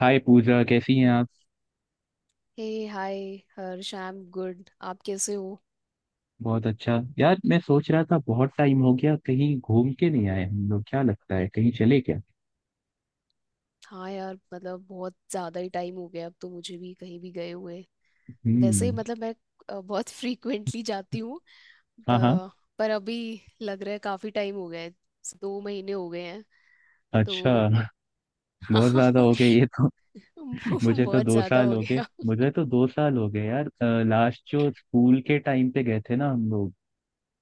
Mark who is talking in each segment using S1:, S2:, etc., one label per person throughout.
S1: हाय पूजा, कैसी हैं आप?
S2: Hey hi. Harsh, I am good. आप कैसे हो?
S1: बहुत अच्छा यार। मैं सोच रहा था बहुत टाइम हो गया कहीं घूम के नहीं आए हम लोग। क्या लगता है, कहीं चले क्या?
S2: हाँ यार, मतलब बहुत ज़्यादा ही टाइम हो गया अब तो मुझे भी कहीं भी गए हुए। वैसे
S1: हम्म।
S2: मतलब मैं बहुत फ्रीक्वेंटली जाती हूँ।
S1: हाँ, हाँ।
S2: प- पर अभी लग रहा है काफ़ी टाइम हो गया है। 2 महीने हो गए हैं।
S1: अच्छा।
S2: तो
S1: बहुत
S2: हाँ,
S1: ज्यादा हो गए ये तो। मुझे तो
S2: बहुत
S1: दो
S2: ज़्यादा
S1: साल
S2: हो
S1: हो गए।
S2: गया।
S1: मुझे तो दो साल हो गए यार। लास्ट जो स्कूल के टाइम पे गए थे ना हम लोग।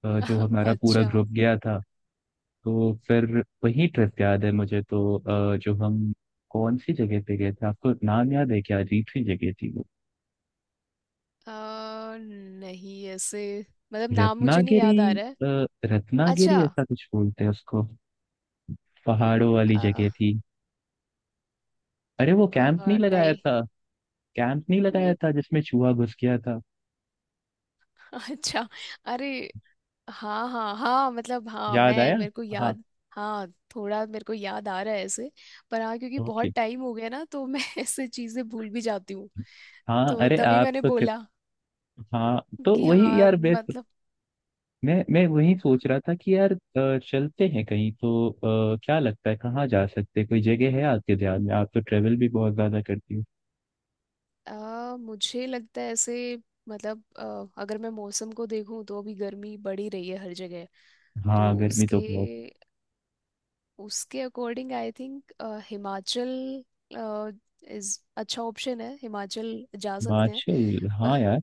S1: जो हमारा पूरा
S2: अच्छा।
S1: ग्रुप गया था। तो फिर। वही ट्रिप याद है मुझे तो, जो हम। कौन सी जगह पे गए थे, आपको नाम याद है क्या? अजीब सी जगह थी।
S2: अ, नहीं ऐसे मतलब नाम मुझे नहीं
S1: रत्नागिरी।
S2: याद आ रहा है।
S1: अ,
S2: अच्छा।
S1: रत्नागिरी ऐसा कुछ बोलते हैं उसको। पहाड़ों वाली
S2: अ,
S1: जगह थी। अरे वो कैंप नहीं लगाया
S2: नहीं
S1: था? कैंप नहीं लगाया
S2: नहीं।
S1: था जिसमें चूहा घुस गया था।
S2: अच्छा। अरे हाँ हाँ हाँ, मतलब हाँ
S1: याद
S2: मैं
S1: आया।
S2: मेरे को
S1: हाँ।
S2: याद। हाँ, थोड़ा मेरे को याद आ रहा है ऐसे। पर हाँ, क्योंकि बहुत
S1: ओके।
S2: टाइम हो गया ना तो मैं ऐसे चीजें भूल भी जाती हूँ।
S1: हाँ,
S2: तो
S1: अरे
S2: तभी
S1: आप
S2: मैंने
S1: तो कित।
S2: बोला
S1: हाँ, तो
S2: कि
S1: वही
S2: हाँ
S1: यार बेस्ट।
S2: मतलब।
S1: मैं वही सोच रहा था कि यार चलते हैं कहीं तो। क्या लगता है कहाँ जा सकते हैं? कोई जगह है आपके ध्यान में? आप तो ट्रेवल भी बहुत ज्यादा करती हो।
S2: आ, मुझे लगता है ऐसे मतलब अगर मैं मौसम को देखूं तो अभी गर्मी बढ़ी रही है हर जगह। तो
S1: हाँ, गर्मी तो
S2: उसके
S1: बहुत।
S2: उसके according I think Himachal is अच्छा ऑप्शन है। हिमाचल जा सकते
S1: हिमाचल, हाँ यार।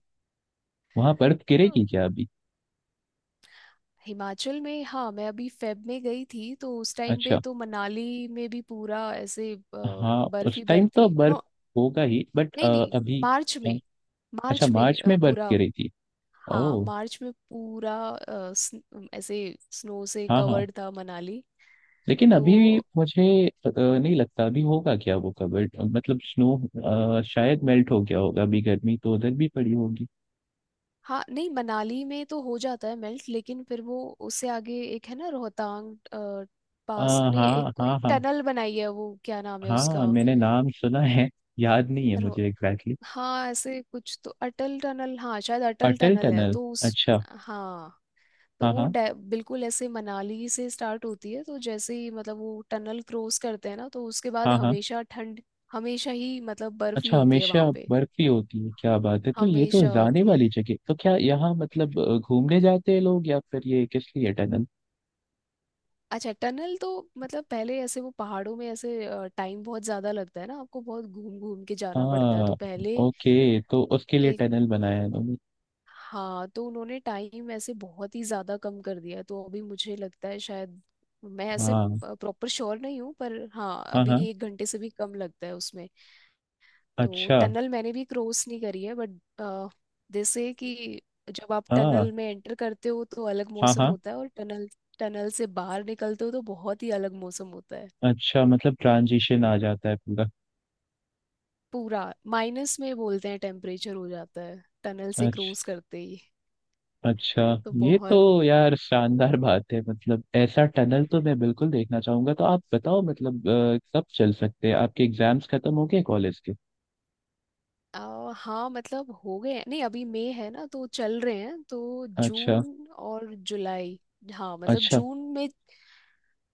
S1: वहाँ बर्फ
S2: हैं।
S1: गिरेगी क्या अभी?
S2: हिमाचल में हाँ मैं अभी फेब में गई थी तो उस टाइम पे
S1: अच्छा।
S2: तो मनाली में भी पूरा ऐसे
S1: हाँ,
S2: बर्फ
S1: उस
S2: ही
S1: टाइम
S2: बर्फ
S1: तो
S2: थी
S1: बर्फ
S2: नो।
S1: होगा ही, बट
S2: नहीं नहीं,
S1: अभी।
S2: मार्च
S1: अ,
S2: में।
S1: अच्छा,
S2: मार्च में
S1: मार्च
S2: अ,
S1: में बर्फ
S2: पूरा
S1: गिरी थी?
S2: हाँ
S1: ओह।
S2: मार्च में पूरा ऐसे स्नो से
S1: हाँ, हाँ,
S2: कवर्ड था मनाली।
S1: लेकिन
S2: तो
S1: अभी मुझे नहीं लगता अभी होगा क्या वो कवर, मतलब स्नो शायद मेल्ट हो गया होगा, अभी गर्मी तो उधर भी पड़ी होगी।
S2: हाँ। नहीं, मनाली में तो हो जाता है मेल्ट, लेकिन फिर वो उससे आगे एक है ना रोहतांग
S1: अ,
S2: पास नहीं, एक
S1: हाँ,
S2: कोई
S1: हाँ, हाँ।
S2: टनल बनाई है वो क्या नाम है
S1: हाँ,
S2: उसका।
S1: मैंने नाम सुना है। याद नहीं है मुझे एग्जैक्टली।
S2: हाँ ऐसे कुछ तो अटल टनल, हाँ शायद अटल
S1: अटल
S2: टनल है
S1: टनल।
S2: तो उस
S1: अच्छा।
S2: हाँ। तो
S1: हाँ,
S2: वो
S1: हाँ,
S2: बिल्कुल ऐसे मनाली से स्टार्ट होती है तो जैसे ही मतलब वो टनल क्रॉस करते हैं ना तो उसके बाद
S1: हाँ। हाँ,
S2: हमेशा ठंड। हमेशा ही मतलब बर्फ ही
S1: अच्छा
S2: होती है
S1: हमेशा
S2: वहां पे।
S1: बर्फी होती है? क्या बात है! तो ये तो
S2: हमेशा
S1: जाने
S2: होती है।
S1: वाली जगह। तो क्या यहाँ मतलब घूमने जाते हैं लोग या फिर ये किस लिए टनल?
S2: अच्छा, टनल तो मतलब पहले ऐसे वो पहाड़ों में ऐसे टाइम बहुत ज्यादा लगता है ना, आपको बहुत घूम घूम के जाना पड़ता है तो
S1: हाँ,
S2: पहले
S1: ओके तो उसके लिए
S2: एक।
S1: टनल बनाया है उन्होंने।
S2: हाँ तो उन्होंने टाइम ऐसे बहुत ही ज्यादा कम कर दिया है, तो अभी मुझे लगता है शायद, मैं ऐसे
S1: हाँ,
S2: प्रॉपर श्योर नहीं हूँ पर हाँ
S1: हाँ,
S2: अभी
S1: हाँ।
S2: 1 घंटे से भी कम लगता है उसमें। तो
S1: अच्छा।
S2: टनल मैंने भी क्रॉस नहीं करी है बट जैसे कि जब आप
S1: हाँ,
S2: टनल में एंटर करते हो तो अलग
S1: हाँ,
S2: मौसम
S1: हाँ।
S2: होता है और टनल टनल से बाहर निकलते हो तो बहुत ही अलग मौसम होता है।
S1: अच्छा, मतलब ट्रांजिशन आ जाता है पूरा।
S2: पूरा माइनस में बोलते हैं टेम्परेचर हो जाता है टनल से
S1: अच्छा,
S2: क्रॉस करते ही।
S1: अच्छा।
S2: तो
S1: ये तो
S2: बहुत।
S1: यार शानदार बात है। मतलब ऐसा टनल तो मैं बिल्कुल देखना चाहूंगा। तो आप बताओ मतलब कब चल सकते हैं? आपके एग्जाम्स खत्म हो गए कॉलेज के?
S2: आ, हाँ मतलब हो गए हैं, नहीं अभी मई है ना तो चल रहे हैं, तो
S1: अच्छा।
S2: जून और जुलाई। हाँ मतलब
S1: अच्छा।
S2: जून में।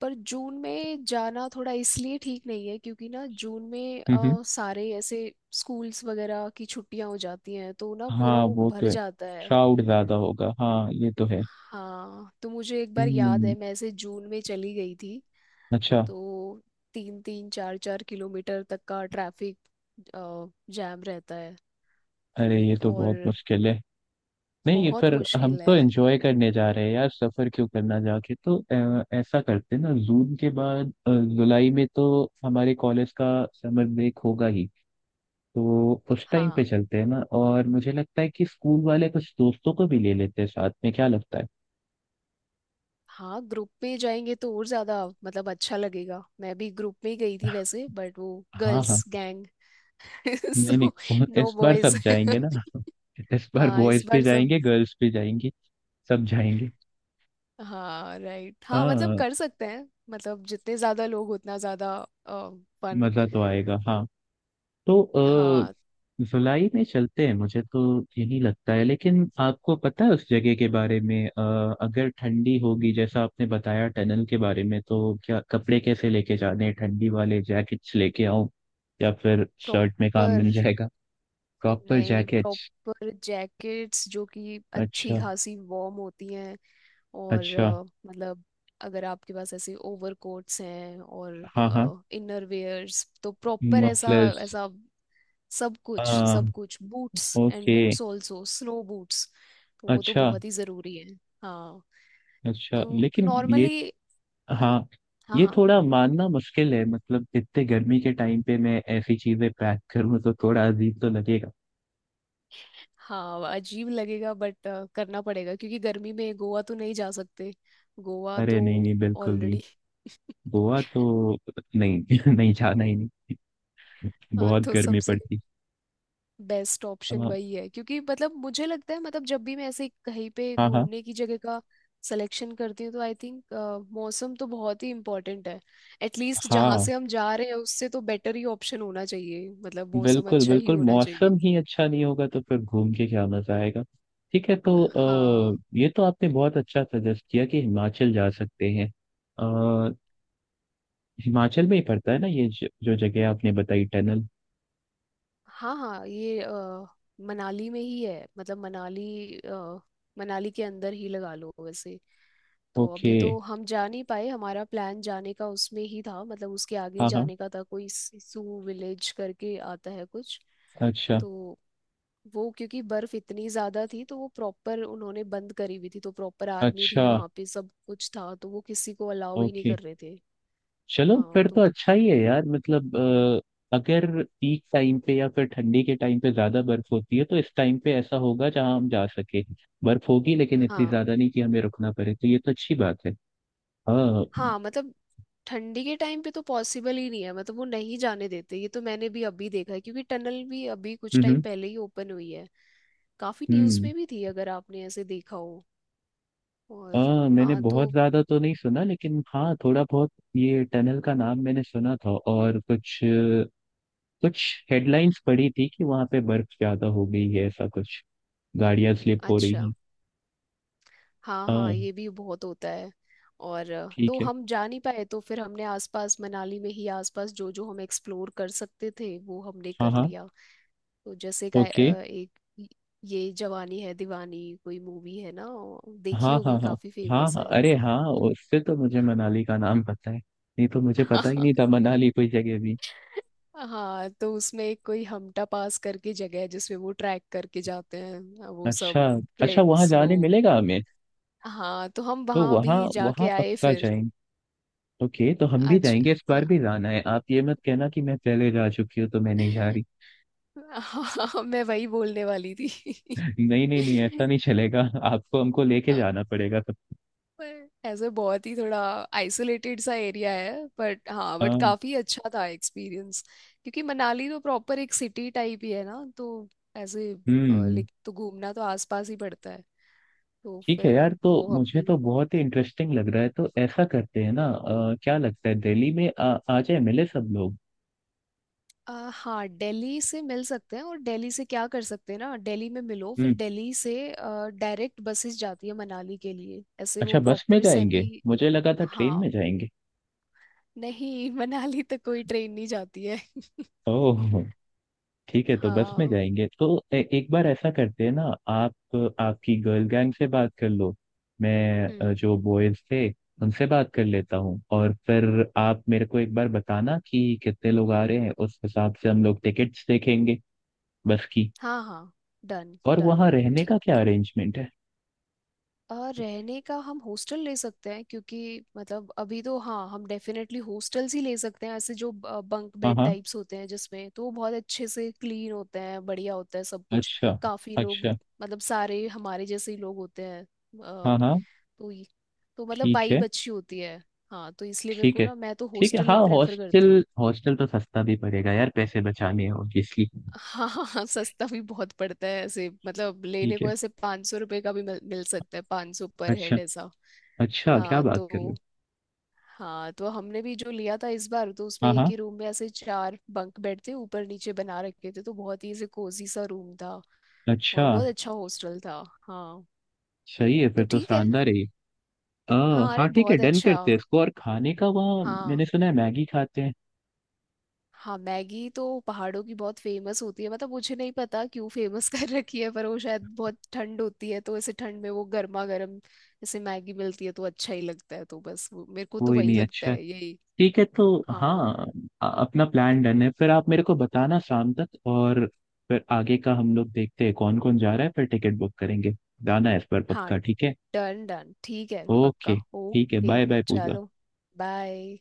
S2: पर जून में जाना थोड़ा इसलिए ठीक नहीं है क्योंकि ना जून में
S1: हम्म,
S2: आ, सारे ऐसे स्कूल्स वगैरह की छुट्टियां हो जाती हैं तो ना पूरा
S1: हाँ,
S2: वो
S1: वो तो
S2: भर
S1: है।
S2: जाता है।
S1: क्राउड ज्यादा होगा, हाँ ये तो है।
S2: हाँ तो मुझे एक बार याद
S1: हम्म।
S2: है मैं ऐसे जून में चली गई थी।
S1: अच्छा।
S2: तो 3 3 4 4 किलोमीटर तक का ट्रैफिक जैम रहता है
S1: अरे ये तो
S2: और
S1: बहुत मुश्किल है। नहीं,
S2: बहुत
S1: पर हम
S2: मुश्किल
S1: तो
S2: है।
S1: एंजॉय करने जा रहे हैं यार, सफर क्यों करना जाके तो। ऐसा करते हैं ना, जून के बाद जुलाई में तो हमारे कॉलेज का समर ब्रेक होगा ही। तो उस टाइम पे
S2: हाँ
S1: चलते हैं ना, और मुझे लगता है कि स्कूल वाले कुछ दोस्तों को भी ले लेते हैं साथ में। क्या लगता है?
S2: हाँ, ग्रुप में जाएंगे तो और ज्यादा मतलब अच्छा लगेगा। मैं भी ग्रुप में ही गई थी वैसे बट वो
S1: हाँ, हाँ।
S2: गर्ल्स गैंग
S1: नहीं,
S2: सो
S1: नहीं,
S2: नो
S1: इस बार
S2: बॉयज।
S1: सब जाएंगे ना। इस बार
S2: हाँ इस
S1: बॉयज भी
S2: बार सब।
S1: जाएंगे, गर्ल्स भी जाएंगी। सब जाएंगे।
S2: हाँ राइट, हाँ मतलब
S1: हाँ,
S2: कर सकते हैं, मतलब जितने ज्यादा लोग उतना ज्यादा फन।
S1: मजा तो आएगा हाँ। तो अ,
S2: हाँ
S1: जुलाई में चलते हैं, मुझे तो यही लगता है। लेकिन आपको पता है उस जगह के बारे में, अगर ठंडी होगी जैसा आपने बताया टनल के बारे में, तो क्या कपड़े कैसे लेके जाने हैं? ठंडी वाले जैकेट्स लेके आऊं या फिर शर्ट में काम
S2: प्रॉपर।
S1: मिल जाएगा? प्रॉपर
S2: नहीं,
S1: जैकेट्स।
S2: प्रॉपर जैकेट्स जो कि अच्छी
S1: अच्छा।
S2: खासी वार्म होती हैं। और
S1: अच्छा।
S2: मतलब अगर आपके पास ऐसे ओवर कोट्स हैं और
S1: हाँ, हाँ।
S2: इनर वेयर्स तो प्रॉपर ऐसा,
S1: मफलर्स।
S2: ऐसा सब कुछ,
S1: हाँ।
S2: सब कुछ boots and
S1: okay.
S2: Boots also snow boots. तो वो तो
S1: अच्छा।
S2: बहुत ही ज़रूरी है। हाँ
S1: अच्छा
S2: क्यों
S1: लेकिन ये।
S2: नॉर्मली।
S1: हाँ,
S2: हाँ
S1: ये
S2: हाँ
S1: थोड़ा मानना मुश्किल है, मतलब इतने गर्मी के टाइम पे मैं ऐसी चीजें पैक करूँ तो थोड़ा अजीब तो लगेगा।
S2: हाँ, अजीब लगेगा बट करना पड़ेगा क्योंकि गर्मी में गोवा तो नहीं जा सकते। गोवा
S1: अरे
S2: तो
S1: नहीं, नहीं, बिल्कुल नहीं।
S2: ऑलरेडी।
S1: गोवा तो नहीं नहीं, जाना ही नहीं।
S2: हाँ
S1: बहुत
S2: तो
S1: गर्मी
S2: सबसे
S1: पड़ती।
S2: बेस्ट ऑप्शन
S1: हाँ,
S2: वही है क्योंकि मतलब मुझे लगता है मतलब जब भी मैं ऐसे कहीं पे
S1: हाँ। हाँ,
S2: घूमने की जगह का सिलेक्शन करती हूँ तो आई थिंक मौसम तो बहुत ही इम्पोर्टेंट है। एटलीस्ट जहाँ
S1: हाँ।
S2: से हम जा रहे हैं उससे तो बेटर ही ऑप्शन होना चाहिए, मतलब मौसम
S1: बिल्कुल,
S2: अच्छा ही
S1: बिल्कुल,
S2: होना चाहिए।
S1: मौसम ही अच्छा नहीं होगा तो फिर घूम के क्या मजा आएगा? ठीक है, तो
S2: हाँ
S1: ये तो आपने बहुत अच्छा सजेस्ट किया कि हिमाचल जा सकते हैं। अ, हिमाचल में ही पड़ता है ना ये जो जगह आपने बताई, टनल?
S2: हाँ हाँ ये मनाली में ही है मतलब मनाली के अंदर ही लगा लो वैसे। तो
S1: ओके।
S2: अभी तो हम जा नहीं पाए, हमारा प्लान जाने का उसमें ही था मतलब उसके आगे ही
S1: हाँ, हाँ।
S2: जाने का था, कोई सिसु विलेज करके आता है कुछ।
S1: अच्छा।
S2: तो वो क्योंकि बर्फ इतनी ज्यादा थी तो वो प्रॉपर उन्होंने बंद करी हुई थी, तो प्रॉपर आर्मी
S1: अच्छा।
S2: थी वहां पे सब कुछ था, तो वो किसी को अलाउ ही नहीं
S1: ओके
S2: कर रहे थे।
S1: चलो,
S2: हाँ
S1: फिर तो
S2: तो।
S1: अच्छा ही है यार, मतलब अगर पीक टाइम पे या फिर ठंडी के टाइम पे ज्यादा बर्फ होती है, तो इस टाइम पे ऐसा होगा जहां हम जा सके। बर्फ होगी लेकिन इतनी
S2: हाँ
S1: ज्यादा नहीं कि हमें रुकना पड़े, तो ये तो अच्छी बात है। हाँ।
S2: हाँ मतलब ठंडी के टाइम पे तो पॉसिबल ही नहीं है मतलब वो नहीं जाने देते, ये तो मैंने भी अभी देखा है क्योंकि टनल भी अभी कुछ टाइम
S1: हम्म,
S2: पहले ही ओपन हुई है। काफी न्यूज
S1: हम्म।
S2: में भी थी अगर आपने ऐसे देखा हो। और
S1: हाँ, मैंने
S2: हाँ
S1: बहुत
S2: तो
S1: ज्यादा तो नहीं सुना, लेकिन हाँ थोड़ा बहुत ये टनल का नाम मैंने सुना था। और कुछ कुछ हेडलाइंस पढ़ी थी कि वहां पे बर्फ ज्यादा हो गई है, ऐसा कुछ गाड़ियां स्लिप हो
S2: अच्छा,
S1: रही
S2: हाँ
S1: हैं।
S2: हाँ ये भी बहुत होता है। और तो
S1: ठीक है।
S2: हम जा नहीं पाए तो फिर हमने आसपास मनाली में ही आसपास जो जो हम एक्सप्लोर कर सकते थे वो हमने
S1: हाँ,
S2: कर
S1: हाँ।
S2: लिया। तो जैसे का
S1: ओके।
S2: ये जवानी है दीवानी कोई मूवी है ना, ओ, देखी
S1: हाँ,
S2: होगी,
S1: हाँ, हाँ,
S2: काफी
S1: हाँ,
S2: फेमस
S1: हाँ,
S2: है।
S1: अरे हाँ, उससे तो मुझे मनाली का नाम पता है, नहीं तो मुझे पता ही नहीं था मनाली कोई जगह भी।
S2: हाँ तो उसमें एक कोई हमटा पास करके जगह है जिसमें वो ट्रैक करके जाते हैं वो
S1: अच्छा।
S2: सब
S1: अच्छा, वहाँ
S2: फ्रेंड्स
S1: जाने
S2: लोग।
S1: मिलेगा हमें?
S2: हाँ तो हम
S1: तो
S2: वहां
S1: वहाँ
S2: भी जाके
S1: वहाँ
S2: आए
S1: पक्का
S2: फिर।
S1: जाएंगे। ओके, तो हम भी
S2: अच्छा।
S1: जाएंगे, इस बार भी जाना है। आप ये मत कहना कि मैं पहले जा चुकी हूँ तो मैं नहीं जा रही।
S2: हाँ मैं वही बोलने वाली थी।
S1: नहीं, नहीं, नहीं, ऐसा नहीं चलेगा। आपको हमको लेके
S2: हाँ,
S1: जाना पड़ेगा सब।
S2: पर ऐसे बहुत ही थोड़ा आइसोलेटेड सा एरिया है बट हाँ, बट
S1: हाँ।
S2: काफी अच्छा था एक्सपीरियंस, क्योंकि मनाली तो प्रॉपर एक सिटी टाइप ही है ना तो ऐसे
S1: हम्म।
S2: लाइक तो घूमना तो आसपास ही पड़ता है। तो
S1: ठीक है
S2: फिर
S1: यार, तो
S2: वो
S1: मुझे
S2: हमने।
S1: तो बहुत ही इंटरेस्टिंग लग रहा है, तो ऐसा करते हैं ना, क्या लगता है दिल्ली में आ जाए, मिले सब लोग।
S2: आ, हाँ दिल्ली से मिल सकते हैं और दिल्ली से क्या कर सकते हैं ना दिल्ली में मिलो फिर
S1: हम्म।
S2: दिल्ली से डायरेक्ट बसेस जाती है मनाली के लिए ऐसे वो
S1: अच्छा, बस में
S2: प्रॉपर
S1: जाएंगे?
S2: सेमी।
S1: मुझे लगा था ट्रेन
S2: हाँ,
S1: में जाएंगे।
S2: नहीं मनाली तो कोई ट्रेन नहीं जाती है।
S1: ओह। ठीक है, तो बस में
S2: हाँ।
S1: जाएंगे तो एक बार ऐसा करते हैं ना। आप आपकी गर्ल गैंग से बात कर लो। मैं
S2: हम्म।
S1: जो बॉयज थे उनसे बात कर लेता हूँ, और फिर आप मेरे को एक बार बताना कि कितने लोग आ रहे हैं, उस हिसाब से हम लोग टिकट्स देखेंगे, बस की।
S2: हाँ हाँ डन
S1: और
S2: डन
S1: वहाँ रहने का
S2: ठीक
S1: क्या
S2: है।
S1: अरेंजमेंट है?
S2: और रहने का हम हॉस्टल ले सकते हैं क्योंकि मतलब अभी तो हाँ हम डेफिनेटली हॉस्टल्स ही ले सकते हैं, ऐसे जो बंक
S1: हाँ,
S2: बेड
S1: हाँ।
S2: टाइप्स होते हैं जिसमें, तो वो बहुत अच्छे से क्लीन होते हैं, बढ़िया होता है सब कुछ।
S1: अच्छा।
S2: काफी लोग
S1: अच्छा।
S2: मतलब सारे हमारे जैसे ही लोग होते हैं
S1: हाँ, हाँ।
S2: तो तो मतलब
S1: ठीक है।
S2: वाइब अच्छी होती है। हाँ तो इसलिए मेरे
S1: ठीक
S2: को
S1: है,
S2: ना मैं तो
S1: ठीक है।
S2: हॉस्टल
S1: हाँ,
S2: ही प्रेफर
S1: हॉस्टल,
S2: करती हूँ।
S1: हॉस्टल तो सस्ता भी पड़ेगा यार, पैसे बचाने हैं ऑब्वियसली।
S2: हाँ हाँ हाँ, सस्ता भी बहुत पड़ता है ऐसे मतलब लेने
S1: ठीक है।
S2: को, ऐसे 500 रुपये का भी मिल सकता है, 500 पर
S1: अच्छा।
S2: हेड ऐसा।
S1: अच्छा, क्या
S2: हाँ
S1: बात कर रहे
S2: तो।
S1: हो।
S2: हाँ तो हमने भी जो लिया था इस बार तो उसमें
S1: हाँ,
S2: एक
S1: हाँ।
S2: ही रूम में ऐसे 4 बंक बेड थे ऊपर नीचे बना रखे थे, तो बहुत ही ऐसे कोजी सा रूम था
S1: अच्छा।
S2: और बहुत अच्छा हॉस्टल था। हाँ
S1: सही है, फिर
S2: तो
S1: तो
S2: ठीक है।
S1: शानदार है ये। अ,
S2: हाँ
S1: हाँ,
S2: अरे
S1: ठीक है,
S2: बहुत
S1: डन
S2: अच्छा।
S1: करते हैं इसको। और खाने का वहाँ मैंने
S2: हाँ
S1: सुना है मैगी खाते हैं।
S2: हाँ, मैगी तो पहाड़ों की बहुत फेमस होती है, मतलब मुझे नहीं पता क्यों फेमस कर रखी है, पर वो शायद बहुत ठंड होती है तो ऐसे ठंड में वो गर्मा गर्म जैसे मैगी मिलती है तो अच्छा ही लगता है, तो बस मेरे को तो
S1: कोई
S2: वही
S1: नहीं,
S2: लगता
S1: अच्छा है।
S2: है यही।
S1: ठीक है तो।
S2: हाँ
S1: हाँ, अपना प्लान डन है, फिर आप मेरे को बताना शाम तक, और फिर आगे का हम लोग देखते हैं कौन कौन जा रहा है, फिर टिकट बुक करेंगे। जाना है इस बार
S2: हाँ,
S1: पक्का, ठीक है।
S2: डन डन ठीक है
S1: ओके,
S2: पक्का,
S1: ठीक है,
S2: ओके।
S1: Bye bye Pooja.
S2: चलो, बाय।